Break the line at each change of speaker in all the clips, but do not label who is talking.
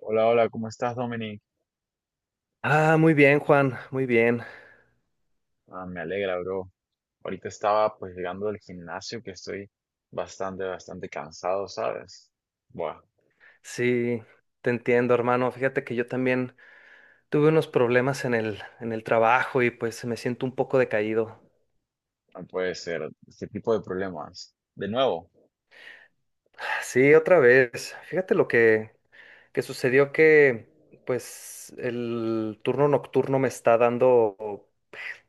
Hola, hola, ¿cómo estás, Dominic?
Ah, muy bien, Juan, muy bien.
Ah, me alegra, bro. Ahorita estaba pues llegando del gimnasio que estoy bastante cansado, ¿sabes? Buah,
Sí, te entiendo, hermano. Fíjate que yo también tuve unos problemas en el trabajo y pues me siento un poco decaído.
no puede ser. Este tipo de problemas. De nuevo.
Sí, otra vez. Fíjate que sucedió que pues el turno nocturno me está dando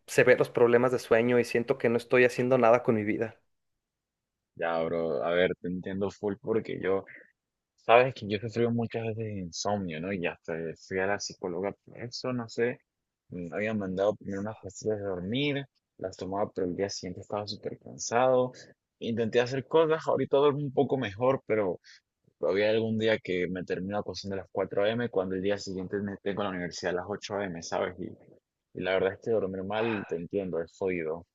severos problemas de sueño y siento que no estoy haciendo nada con mi vida.
Ya, bro, a ver, te entiendo full porque yo, sabes que yo he sufrido muchas veces de insomnio, ¿no? Y hasta fui a la psicóloga por eso, no sé. Me habían mandado primero unas pastillas de dormir, las tomaba, pero el día siguiente estaba súper cansado. Intenté hacer cosas, ahorita duermo un poco mejor, pero había algún día que me termino acostando a las 4 a.m. cuando el día siguiente me tengo la universidad a las 8 a.m., ¿sabes? Y la verdad es que dormir mal, te entiendo, es jodido.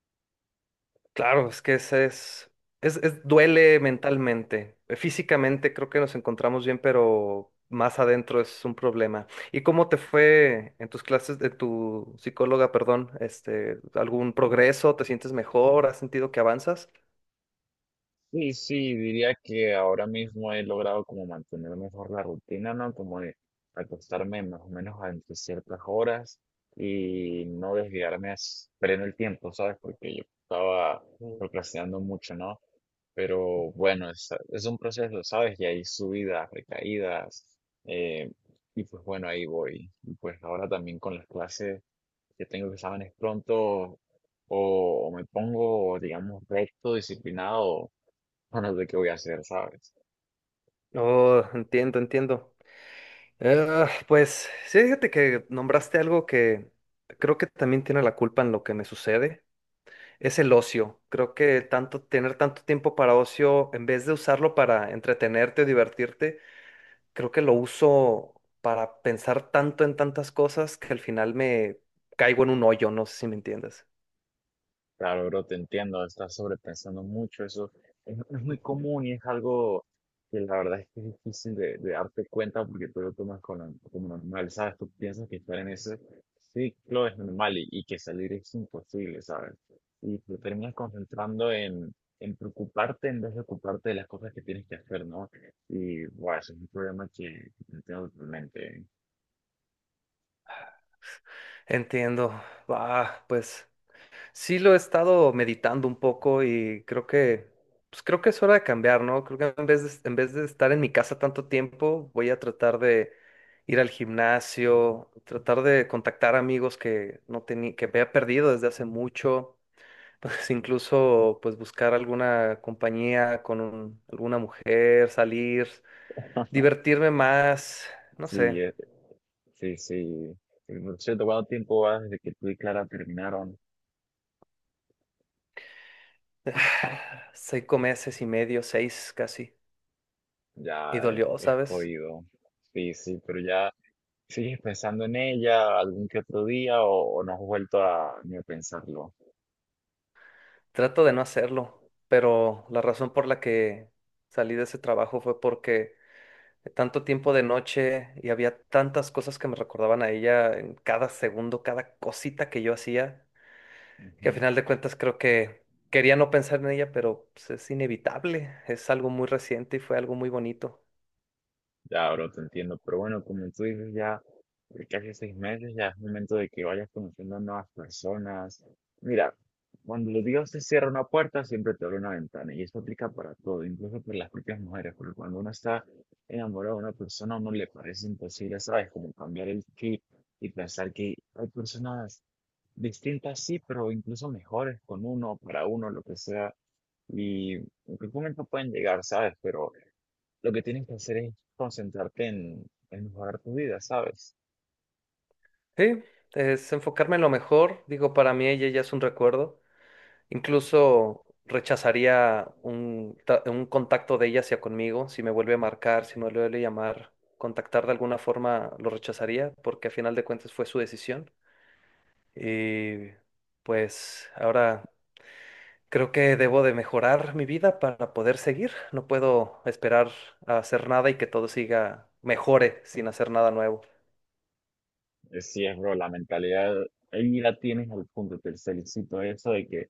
Claro, es que ese duele mentalmente. Físicamente creo que nos encontramos bien, pero más adentro es un problema. ¿Y cómo te fue en tus clases de tu psicóloga, perdón? Este, ¿algún progreso? ¿Te sientes mejor? ¿Has sentido que avanzas?
Sí, sí, diría que ahora mismo he logrado como mantener mejor la rutina, ¿no? Como de acostarme más o menos a entre ciertas horas y no desviarme perdiendo el tiempo, ¿sabes? Porque yo estaba
Mm.
procrastinando mucho, ¿no? Pero bueno, es un proceso, ¿sabes? Y hay subidas, recaídas, eh, y pues bueno, ahí voy. Y pues ahora también con las clases que tengo exámenes pronto, o me pongo, digamos, recto, disciplinado, o no sé qué voy a hacer, ¿sabes?
Oh, entiendo, entiendo. Pues sí, fíjate que nombraste algo que creo que también tiene la culpa en lo que me sucede. Es el ocio. Creo que tanto tener tanto tiempo para ocio, en vez de usarlo para entretenerte o divertirte, creo que lo uso para pensar tanto en tantas cosas que al final me caigo en un hoyo, no sé si me entiendes.
Claro, bro, te entiendo, estás sobrepensando mucho, eso es muy común y es algo que la verdad es que es difícil de darte cuenta porque tú lo tomas como normal, ¿sabes? Tú piensas que estar en ese ciclo es normal y que salir es imposible, ¿sabes? Y te terminas concentrando en preocuparte en vez de ocuparte de las cosas que tienes que hacer, ¿no? Y, bueno, eso es un problema que entiendo totalmente.
Entiendo. Va, pues. Sí, lo he estado meditando un poco y creo que, pues creo que es hora de cambiar, ¿no? Creo que en vez de estar en mi casa tanto tiempo, voy a tratar de ir al gimnasio, tratar de contactar amigos que no tenía, que había perdido desde hace mucho, incluso pues buscar alguna compañía alguna mujer, salir, divertirme más, no sé,
Sí, sí, sí. Y, por cierto, ¿cuánto tiempo va desde que tú y Clara terminaron?
5 meses y medio, seis casi, y
Ya,
dolió,
es
¿sabes?
jodido. Sí, sí, pero ya sigues pensando en ella algún que otro día o no has vuelto a ni a pensarlo.
Trato de no hacerlo, pero la razón por la que salí de ese trabajo fue porque tanto tiempo de noche y había tantas cosas que me recordaban a ella en cada segundo, cada cosita que yo hacía, que a
Ujú.
final de cuentas creo que quería no pensar en ella, pero pues, es inevitable, es algo muy reciente y fue algo muy bonito.
Ya, bro, te entiendo. Pero bueno, como tú dices, ya. De casi 6 meses, ya es momento de que vayas conociendo nuevas personas. Mira, cuando los Dios te cierra una puerta, siempre te abre una ventana, y eso aplica para todo, incluso para las propias mujeres, porque cuando uno está enamorado de una persona, a uno le parece imposible, ¿sabes? Como cambiar el chip y pensar que hay personas distintas, sí, pero incluso mejores con uno, para uno, lo que sea, y en qué momento pueden llegar, ¿sabes? Pero lo que tienes que hacer es concentrarte en mejorar tu vida, ¿sabes?
Sí, es enfocarme en lo mejor, digo, para mí ella ya es un recuerdo. Incluso rechazaría un contacto de ella hacia conmigo, si me vuelve a marcar, si me vuelve a llamar, contactar de alguna forma lo rechazaría, porque a final de cuentas fue su decisión. Y pues ahora creo que debo de mejorar mi vida para poder seguir. No puedo esperar a hacer nada y que todo siga mejore sin hacer nada nuevo.
Es sí, es, bro, la mentalidad ahí la tienes al punto, te felicito eso de que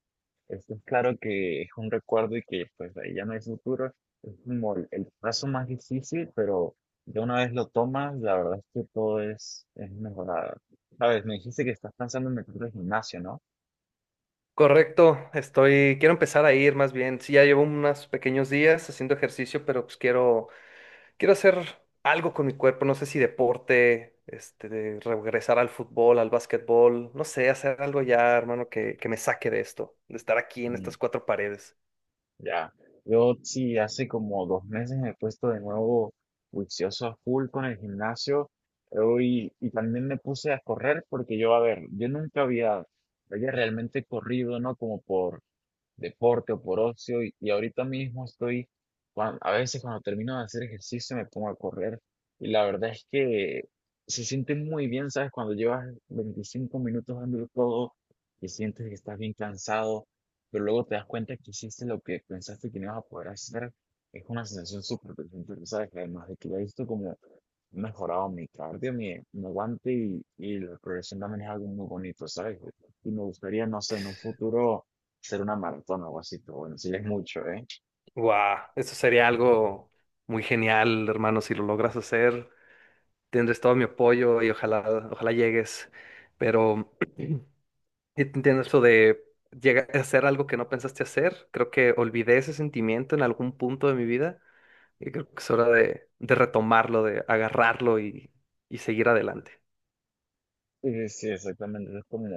esto es claro que es un recuerdo y que pues ahí ya no hay futuro, es como el paso más difícil, pero ya una vez lo tomas, la verdad es que todo es mejorado. Sabes, me dijiste que estás pensando en meterte al gimnasio, ¿no?
Correcto, quiero empezar a ir más bien. Sí, ya llevo unos pequeños días haciendo ejercicio, pero pues Quiero hacer algo con mi cuerpo, no sé si deporte, este, de regresar al fútbol, al básquetbol, no sé, hacer algo ya, hermano, que me saque de esto, de estar aquí en estas cuatro paredes.
Ya, yo sí, hace como 2 meses me he puesto de nuevo juicioso a full con el gimnasio, eh, y también me puse a correr porque yo, a ver, yo nunca había, había realmente corrido, ¿no? Como por deporte o por ocio y ahorita mismo estoy, a veces cuando termino de hacer ejercicio me pongo a correr y la verdad es que se siente muy bien, ¿sabes? Cuando llevas 25 minutos dándolo todo y sientes que estás bien cansado, pero luego te das cuenta que hiciste lo que pensaste que no ibas a poder hacer, es una sensación súper placentera, ¿sabes? Además de que ya he visto como he mejorado mi cardio, mi aguante y la progresión también es algo muy bonito, ¿sabes? Y me gustaría, no sé, en un futuro hacer una maratón o algo así, pero bueno, sí es mucho, ¿eh?
Guau, eso sería algo muy genial, hermano, si lo logras hacer, tendrás todo mi apoyo y ojalá, ojalá llegues, pero entiendo eso de llegar a hacer algo que no pensaste hacer, creo que olvidé ese sentimiento en algún punto de mi vida. Y creo que es hora de retomarlo, de agarrarlo y seguir adelante.
Sí, sí, exactamente, es como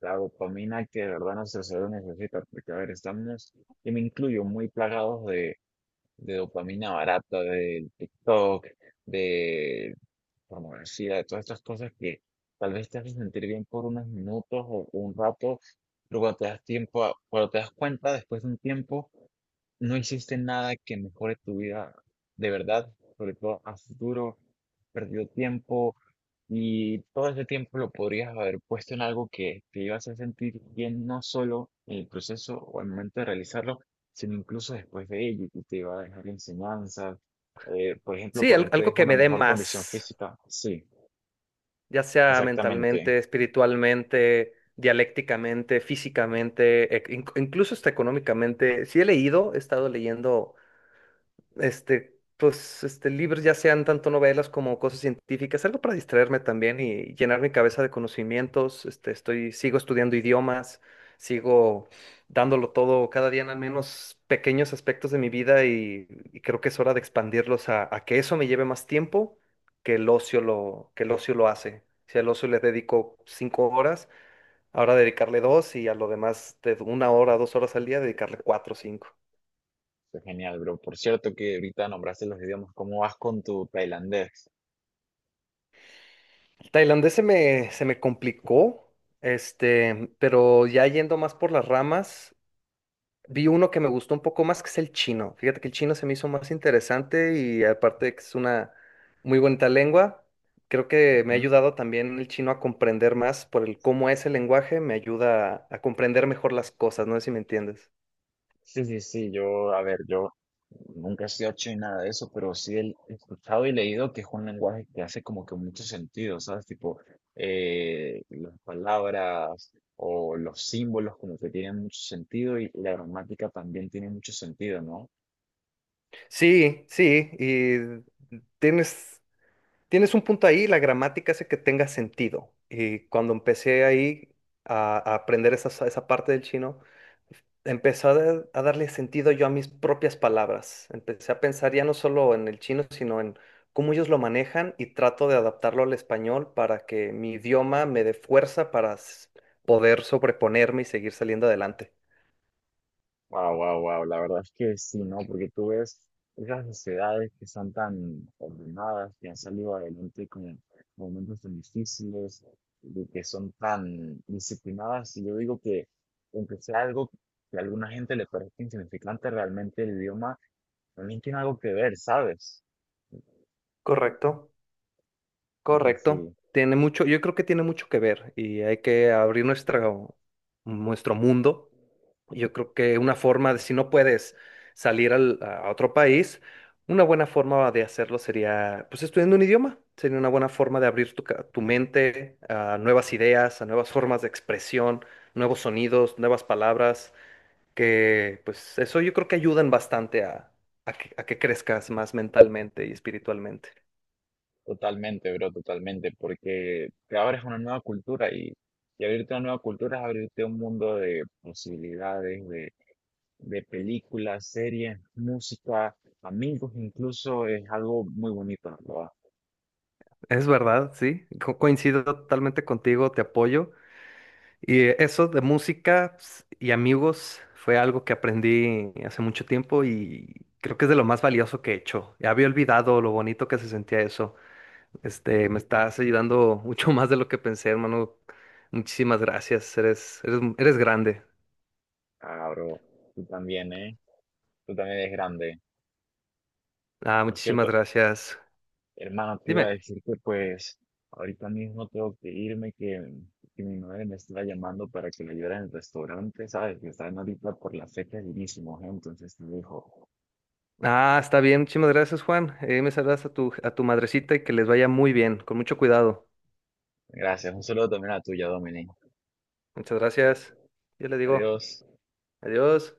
la dopamina que de verdad nuestro cerebro necesita, porque a ver, estamos, y me incluyo, muy plagados de dopamina barata, del TikTok, de pornografía, de todas estas cosas que tal vez te hacen sentir bien por unos minutos o un rato, pero cuando te das tiempo, cuando te das cuenta, después de un tiempo, no existe nada que mejore tu vida de verdad, sobre todo a futuro has perdido tiempo, y todo ese tiempo lo podrías haber puesto en algo que te iba a hacer sentir bien, no solo en el proceso o al momento de realizarlo, sino incluso después de ello, y te iba a dejar enseñanzas. Por ejemplo,
Sí,
correr te
algo
deja
que
una
me dé
mejor condición
más,
física. Sí,
ya sea
exactamente.
mentalmente, espiritualmente, dialécticamente, físicamente, incluso hasta económicamente. Sí he leído, he estado leyendo pues, libros, ya sean tanto novelas como cosas científicas, algo para distraerme también y llenar mi cabeza de conocimientos. Sigo estudiando idiomas, sigo dándolo todo cada día en al menos pequeños aspectos de mi vida y creo que es hora de expandirlos a que eso me lleve más tiempo que que el ocio lo hace. Si al ocio le dedico 5 horas, ahora dedicarle dos y a lo demás de 1 hora, 2 horas al día, dedicarle cuatro o cinco.
Fue genial, bro. Por cierto que ahorita nombraste los idiomas. ¿Cómo vas con tu tailandés?
Tailandés se me complicó, pero ya yendo más por las ramas, vi uno que me gustó un poco más, que es el chino. Fíjate que el chino se me hizo más interesante y aparte de que es una muy bonita lengua, creo que me ha
Ujú.
ayudado también el chino a comprender más por el cómo es el lenguaje, me ayuda a comprender mejor las cosas, no sé si me entiendes.
Sí, sí, sí, yo, a ver, yo nunca he sido chino y nada de eso, pero sí he escuchado y leído que es un lenguaje que hace como que mucho sentido, ¿sabes? Tipo, las palabras o los símbolos como que tienen mucho sentido y la gramática también tiene mucho sentido, ¿no?
Sí, sí, y tienes Tienes un punto ahí, la gramática hace que tenga sentido. Y cuando empecé ahí a aprender esa parte del chino, empecé a darle sentido yo a mis propias palabras. Empecé a pensar ya no solo en el chino, sino en cómo ellos lo manejan y trato de adaptarlo al español para que mi idioma me dé fuerza para poder sobreponerme y seguir saliendo adelante.
Wow, wow, wow. La verdad es que sí, ¿no? Porque tú ves esas sociedades que son tan ordenadas, que han salido adelante con momentos tan difíciles, de que son tan disciplinadas. Y yo digo que, aunque sea algo que a alguna gente le parezca insignificante, realmente el idioma también tiene algo que ver, ¿sabes?
Correcto,
Sí, sí,
correcto.
sí.
Tiene mucho, yo creo que tiene mucho que ver y hay que abrir nuestro mundo. Yo creo que una forma de, si no puedes salir a otro país, una buena forma de hacerlo sería, pues, estudiando un idioma. Sería una buena forma de abrir tu mente a nuevas ideas, a nuevas formas de expresión, nuevos sonidos, nuevas palabras, que, pues, eso yo creo que ayudan bastante a que crezcas más mentalmente y espiritualmente.
Totalmente, bro, totalmente. Porque te abres a una nueva cultura y abrirte a una nueva cultura es abrirte a un mundo de posibilidades, de películas, series, música, amigos, incluso es algo muy bonito, ¿no? Lo-
Es verdad, sí, coincido totalmente contigo, te apoyo. Y eso de música ps, y amigos fue algo que aprendí hace mucho tiempo y creo que es de lo más valioso que he hecho. Ya había olvidado lo bonito que se sentía eso. Me estás ayudando mucho más de lo que pensé, hermano. Muchísimas gracias. Eres, eres, eres grande.
Ah, bro, tú también, ¿eh? Tú también eres grande.
Ah,
Por
muchísimas
cierto,
gracias.
hermano, te iba a
Dime.
decir que pues ahorita mismo tengo que irme, que mi madre me está llamando para que le ayude en el restaurante, ¿sabes? Que están ahorita por las fechas llenísimos, ¿eh? Entonces te dijo,
Ah, está bien. Muchísimas gracias, Juan. Me saludas a tu madrecita y que les vaya muy bien, con mucho cuidado.
gracias, un saludo también a tuya, Dominic.
Muchas gracias. Yo le digo
Adiós.
adiós.